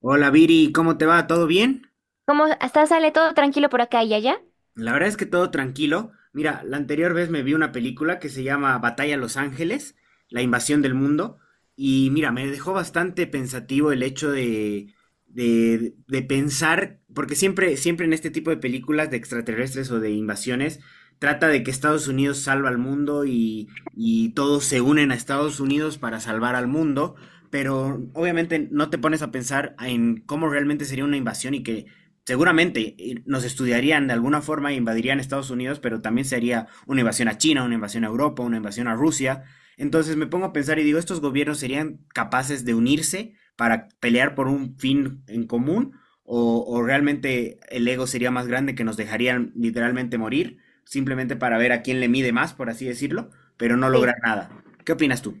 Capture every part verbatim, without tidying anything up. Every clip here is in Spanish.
Hola Viri, ¿cómo te va? ¿Todo bien? ¿Cómo hasta sale todo tranquilo por acá y allá? La verdad es que todo tranquilo. Mira, la anterior vez me vi una película que se llama Batalla a Los Ángeles, la invasión del mundo, y mira, me dejó bastante pensativo el hecho de, de, de pensar, porque siempre, siempre en este tipo de películas de extraterrestres o de invasiones, trata de que Estados Unidos salva al mundo y, y todos se unen a Estados Unidos para salvar al mundo, pero obviamente no te pones a pensar en cómo realmente sería una invasión y que seguramente eh, nos estudiarían de alguna forma e invadirían Estados Unidos, pero también sería una invasión a China, una invasión a Europa, una invasión a Rusia. Entonces me pongo a pensar y digo, ¿estos gobiernos serían capaces de unirse para pelear por un fin en común? ¿O, o realmente el ego sería más grande que nos dejarían literalmente morir, simplemente para ver a quién le mide más, por así decirlo, pero no lograr Sí. nada? ¿Qué opinas tú?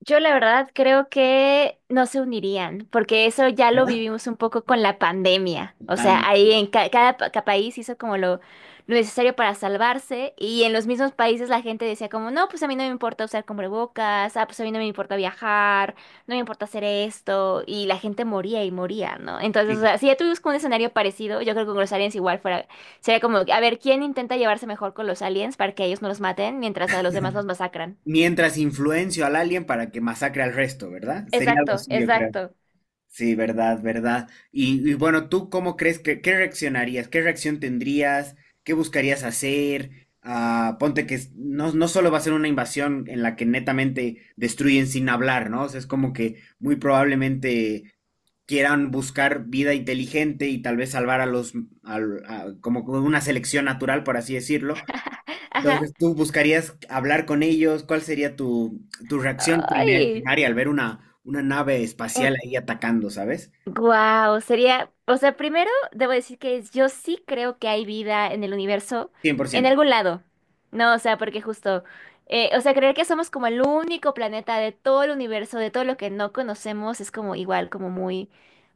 Yo la verdad creo que no se unirían, porque eso ya lo ¿Verdad? vivimos un poco con la pandemia. O sea, Totalmente. ahí en ca- cada, pa- ca- país hizo como lo, lo necesario para salvarse y en los mismos países la gente decía como, no, pues a mí no me importa usar cubrebocas, ah, pues a mí no me importa viajar, no me importa hacer esto y la gente moría y moría, ¿no? Entonces, o Sí. sea, si ya tuvimos como un escenario parecido, yo creo que con los aliens igual fuera, sería como, a ver, ¿quién intenta llevarse mejor con los aliens para que ellos no los maten mientras a los demás los masacran? Mientras influencio al alien para que masacre al resto, ¿verdad? Sería algo Exacto, así, yo creo. exacto. Sí, verdad, verdad. Y, y bueno, ¿tú cómo crees que, qué reaccionarías? ¿Qué reacción tendrías? ¿Qué buscarías hacer? Ah, ponte que es- no, no solo va a ser una invasión en la que netamente destruyen sin hablar, ¿no? O sea, es como que muy probablemente quieran buscar vida inteligente y tal vez salvar a los, al- a- como con una selección natural, por así decirlo, Ajá. entonces, ¿tú buscarías hablar con ellos? ¿Cuál sería tu, tu reacción primer- Ay. primaria al ver una, una nave Un- espacial ahí atacando, ¿sabes? Wow, sería, o sea, primero debo decir que yo sí creo que hay vida en el universo, Cien por en ciento. algún lado. No, o sea, porque justo, eh, o sea, creer que somos como el único planeta de todo el universo, de todo lo que no conocemos, es como igual, como muy,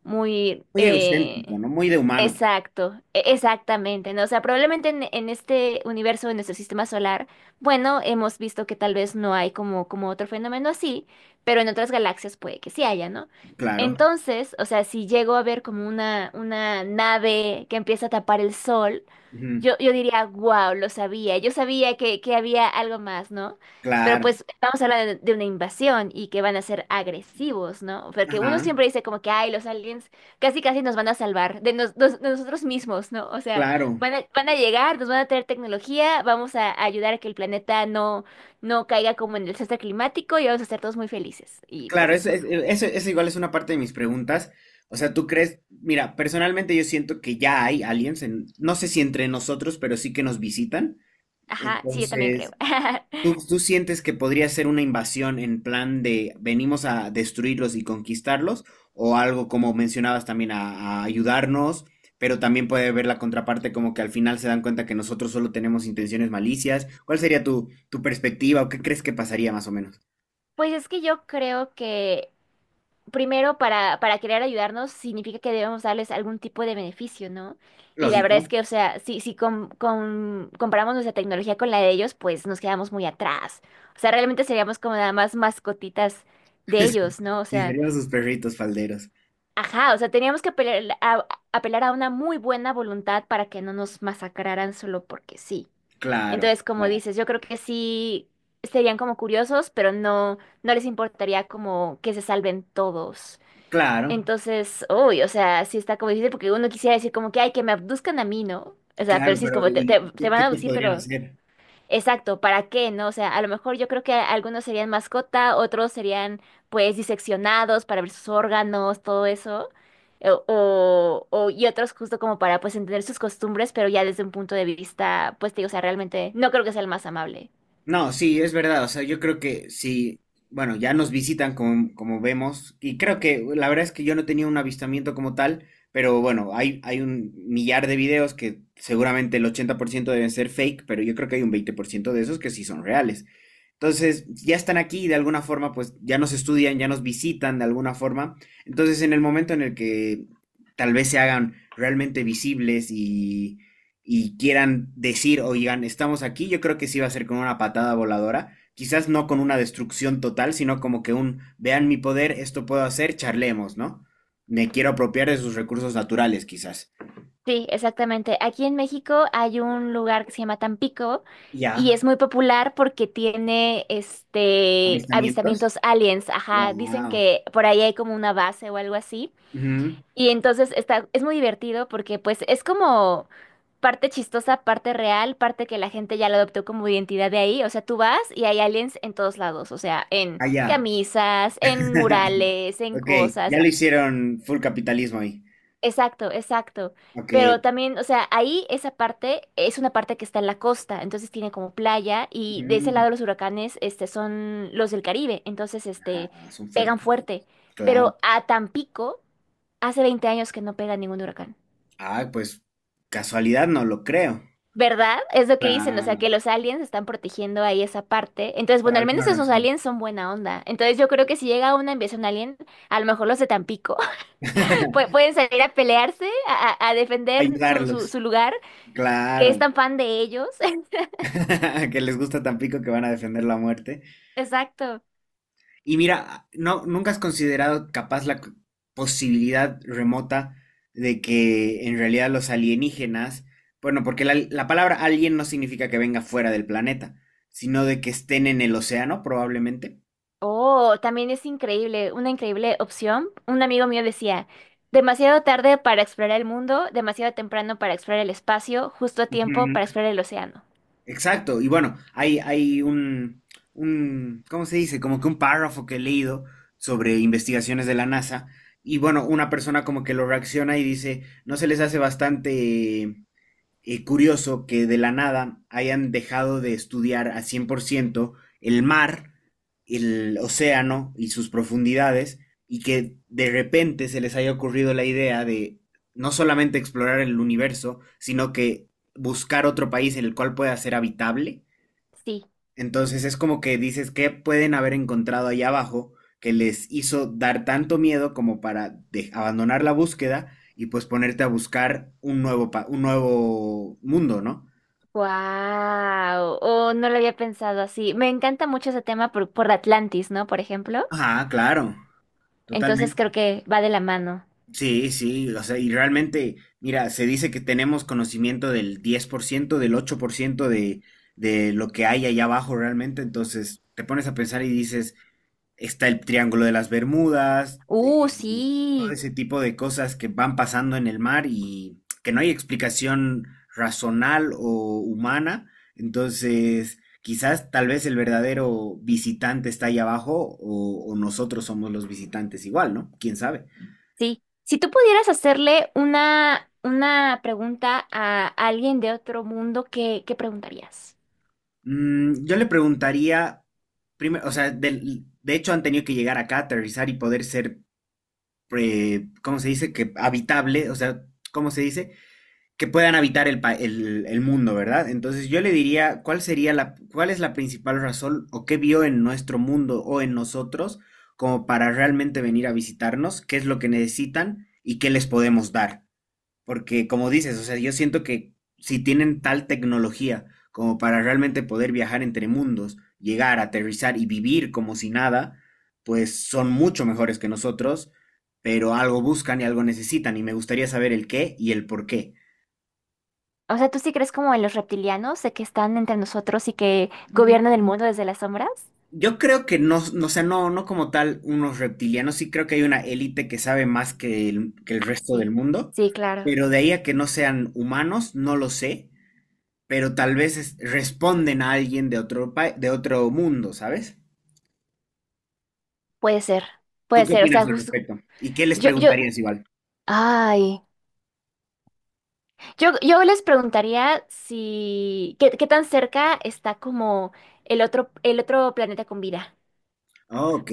muy, Muy egocéntrico, eh, ¿no? Muy de humano, exacto, e- exactamente, ¿no? O sea, probablemente en, en este universo, en nuestro sistema solar, bueno, hemos visto que tal vez no hay como, como otro fenómeno así, pero en otras galaxias puede que sí haya, ¿no? claro. Entonces, o sea, si llego a ver como una, una nave que empieza a tapar el sol, Ujú, yo, yo diría, wow, lo sabía, yo sabía que, que había algo más, ¿no? Pero claro, pues vamos a hablar de, de una invasión y que van a ser agresivos, ¿no? Porque uno ajá, siempre dice como que, ay, los aliens casi casi nos van a salvar de, nos- nos- de nosotros mismos, ¿no? O sea, claro. van a, van a llegar, nos van a traer tecnología, vamos a ayudar a que el planeta no, no caiga como en el desastre climático y vamos a ser todos muy felices. Y pues Claro, eso, eso. es- eso, eso igual es una parte de mis preguntas. O sea, ¿tú crees? Mira, personalmente yo siento que ya hay aliens, en- no sé si entre nosotros, pero sí que nos visitan. Ajá, sí, yo también creo. Entonces, ¿Tú, tú sientes que podría ser una invasión en plan de venimos a destruirlos y conquistarlos? ¿O algo como mencionabas también a, a ayudarnos? Pero también puede haber la contraparte como que al final se dan cuenta que nosotros solo tenemos intenciones malicias. ¿Cuál sería tu, tu perspectiva o qué crees que pasaría más o menos? Pues es que yo creo que primero para, para querer ayudarnos significa que debemos darles algún tipo de beneficio, ¿no? Y la verdad es Lógico. que, o sea, si, si com- com- comparamos nuestra tecnología con la de ellos, pues nos quedamos muy atrás. O sea, realmente seríamos como nada más mascotitas de ellos, ¿no? O Sí, sea, serían sus perritos falderos. ajá, o sea, teníamos que apelar a, apelar a una muy buena voluntad para que no nos masacraran solo porque sí. Claro, Entonces, como claro, dices, yo creo que sí serían como curiosos, pero no, no les importaría como que se salven todos. claro, Entonces, uy, o sea, sí está como difícil porque uno quisiera decir como que, ay, que me abduzcan a mí, ¿no? O sea, pero claro, sí es pero como, te, ¿y te- te qué, van qué a te abducir, podrían pero hacer? Exacto, ¿para qué, no? O sea, a lo mejor yo creo que algunos serían mascota, otros serían pues diseccionados para ver sus órganos, todo eso, eh, o, o- y otros justo como para pues entender sus costumbres, pero ya desde un punto de vista, pues te digo, o sea, realmente no creo que sea el más amable. No, sí, es verdad. O sea, yo creo que sí, bueno, ya nos visitan como, como vemos. Y creo que la verdad es que yo no tenía un avistamiento como tal, pero bueno, hay, hay un millar de videos que seguramente el ochenta por ciento deben ser fake, pero yo creo que hay un veinte por ciento de esos que sí son reales. Entonces, ya están aquí, y de alguna forma, pues ya nos estudian, ya nos visitan de alguna forma. Entonces, en el momento en el que tal vez se hagan realmente visibles y, y quieran decir, oigan, estamos aquí, yo creo que sí va a ser con una patada voladora. Quizás no con una destrucción total, sino como que un, vean mi poder, esto puedo hacer, charlemos, ¿no? Me quiero apropiar de sus recursos naturales, quizás. Sí, exactamente. Aquí en México hay un lugar que se llama Tampico Ya. y es muy popular porque tiene este Avistamientos. avistamientos aliens, ajá, dicen Wow. que por ahí hay como una base o algo así. Ujú. Y entonces está, es muy divertido porque pues es como parte chistosa, parte real, parte que la gente ya lo adoptó como identidad de ahí. O sea, tú vas y hay aliens en todos lados, o sea, en Ah, ya. camisas, en murales, en Ok, ya cosas. lo hicieron full capitalismo ahí. Exacto, exacto. Ok. Pero también, o sea, ahí esa parte es una parte que está en la costa, entonces tiene como playa y de ese Mm, lado los huracanes, este, son los del Caribe, entonces, este, ah, son fuertes. pegan fuerte. Claro. Pero a Tampico hace veinte años que no pega ningún huracán. Ah, pues casualidad no lo creo. ¿Verdad? Es lo que dicen, o sea, Claro, que los aliens están protegiendo ahí esa parte. Entonces, por bueno, al alguna menos esos razón. aliens son buena onda. Entonces, yo creo que si llega una invasión alien, a lo mejor los de Tampico pue- pueden salir a pelearse, a, a- a defender su, su, Ayudarlos. su lugar, que es Claro. tan fan de ellos. Que les gusta Tampico que van a defender la muerte. Exacto. Y mira, no, ¿nunca has considerado capaz la c- posibilidad remota de que en realidad los alienígenas, bueno, porque la, la palabra alien no significa que venga fuera del planeta, sino de que estén en el océano, probablemente? Oh, también es increíble, una increíble opción. Un amigo mío decía, demasiado tarde para explorar el mundo, demasiado temprano para explorar el espacio, justo a tiempo Ujú. para explorar el océano. Exacto, y bueno, hay, hay un, un, ¿cómo se dice? Como que un párrafo que he leído sobre investigaciones de la N A S A, y bueno, una persona como que lo reacciona y dice, ¿no se les hace bastante eh, curioso que de la nada hayan dejado de estudiar a cien por ciento el mar, el océano y sus profundidades, y que de repente se les haya ocurrido la idea de no solamente explorar el universo, sino que buscar otro país en el cual pueda ser habitable. Sí. Entonces es como que dices, ¿qué pueden haber encontrado ahí abajo que les hizo dar tanto miedo como para de- abandonar la búsqueda y pues ponerte a buscar un nuevo, pa- un nuevo mundo, ¿no? Wow, oh, no lo había pensado así. Me encanta mucho ese tema por, por Atlantis, ¿no? Por ejemplo. Ajá, claro, Entonces totalmente. creo que va de la mano. Sí, sí, o sea, y realmente, mira, se dice que tenemos conocimiento del diez por ciento, del ocho por ciento de, de lo que hay allá abajo realmente, entonces te pones a pensar y dices, está el Triángulo de las Bermudas, Uh, eh, todo Sí, ese tipo de cosas que van pasando en el mar y que no hay explicación razonal o humana. Entonces, quizás tal vez el verdadero visitante está ahí abajo o, o nosotros somos los visitantes igual, ¿no? ¿Quién sabe? sí. Si tú pudieras hacerle una, una pregunta a alguien de otro mundo, ¿qué, qué preguntarías? Mm, yo le preguntaría, primero, o sea, del- de hecho han tenido que llegar acá, aterrizar y poder ser, pre- ¿cómo se dice? Que habitable, o sea, ¿cómo se dice? Que puedan habitar el, pa- el, el mundo, ¿verdad? Entonces yo le diría, ¿cuál sería la, cuál es la principal razón o qué vio en nuestro mundo o en nosotros como para realmente venir a visitarnos? ¿Qué es lo que necesitan y qué les podemos dar? Porque como dices, o sea, yo siento que si tienen tal tecnología como para realmente poder viajar entre mundos, llegar, aterrizar y vivir como si nada, pues son mucho mejores que nosotros, pero algo buscan y algo necesitan y me gustaría saber el qué y el por qué. O sea, ¿tú sí crees como en los reptilianos, de que están entre nosotros y que gobiernan el mundo desde las sombras? Yo creo que no, no, o sea, no, no como tal unos reptilianos, sí creo que hay una élite que sabe más que el, que el Ah, resto del Sí, mundo, sí, claro. pero de ahí a que no sean humanos, no lo sé, pero tal vez es- responden a alguien de otro, pa- de otro mundo, ¿sabes? Puede ser, ¿Tú puede qué ser. O opinas sea, al justo, respecto? ¿Y qué les yo, yo, preguntarías igual? ay. Yo, yo les preguntaría si, ¿qué, qué tan cerca está como el otro, el otro planeta con vida? Ok,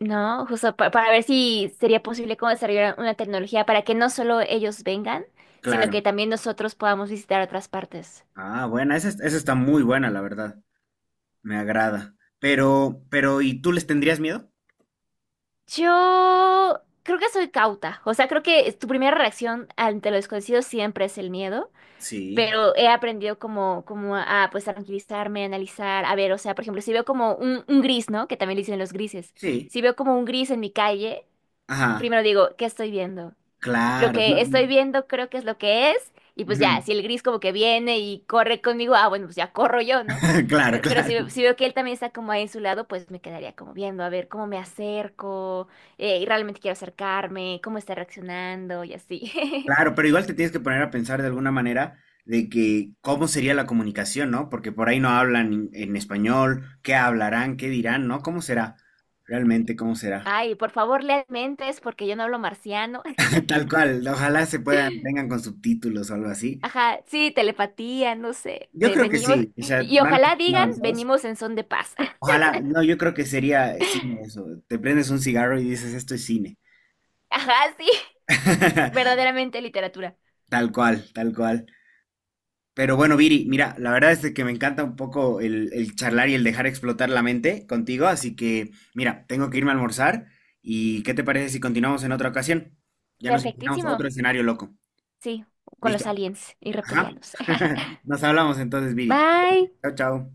¿No? Justo pa- para ver si sería posible como desarrollar una tecnología para que no solo ellos vengan, sino que claro. también nosotros podamos visitar otras partes. Ah, buena, esa, es- esa está muy buena, la verdad. Me agrada. Pero, pero, ¿y tú les tendrías miedo? Yo creo que soy cauta. O sea, creo que es tu primera reacción ante lo desconocido siempre es el miedo. Sí, pero he aprendido como, como, a pues a tranquilizarme, a analizar, a ver, o sea, por ejemplo, si veo como un, un gris, ¿no? Que también le dicen los grises. sí. Si veo como un gris en mi calle, Ajá, primero digo, ¿qué estoy viendo? Lo claro. No, que estoy viendo creo que es lo que es, y pues ujú. ya, si el gris como que viene y corre conmigo, ah, bueno, pues ya corro yo, ¿no? Claro, Pero, pero claro, si, si veo que él también está como ahí en su lado, pues me quedaría como viendo, a ver cómo me acerco, eh, y realmente quiero acercarme, cómo está reaccionando y así. claro, pero igual te tienes que poner a pensar de alguna manera de que cómo sería la comunicación, ¿no? Porque por ahí no hablan en, en español, qué hablarán, qué dirán, ¿no? ¿Cómo será? Realmente, ¿cómo será? Ay, por favor, lean mentes porque yo no hablo marciano. Tal cual, ojalá se puedan, vengan con subtítulos o algo así. Ajá, sí, telepatía, no sé, Yo de creo que venimos, sí, o sea, y, y van a ser ojalá tan digan, avanzados. venimos en son de paz. Ojalá, no, yo creo que sería cine eso. Te prendes un cigarro y dices, esto es cine. Ajá, sí, verdaderamente literatura. Tal cual, tal cual. Pero bueno, Viri, mira, la verdad es de que me encanta un poco el, el charlar y el dejar explotar la mente contigo, así que mira, tengo que irme a almorzar y ¿qué te parece si continuamos en otra ocasión? Ya nos imaginamos Perfectísimo, otro escenario loco. sí, con ¿Listo? los aliens y Ajá. reptilianos. Nos hablamos entonces, Viri. Bye. Chao, chao.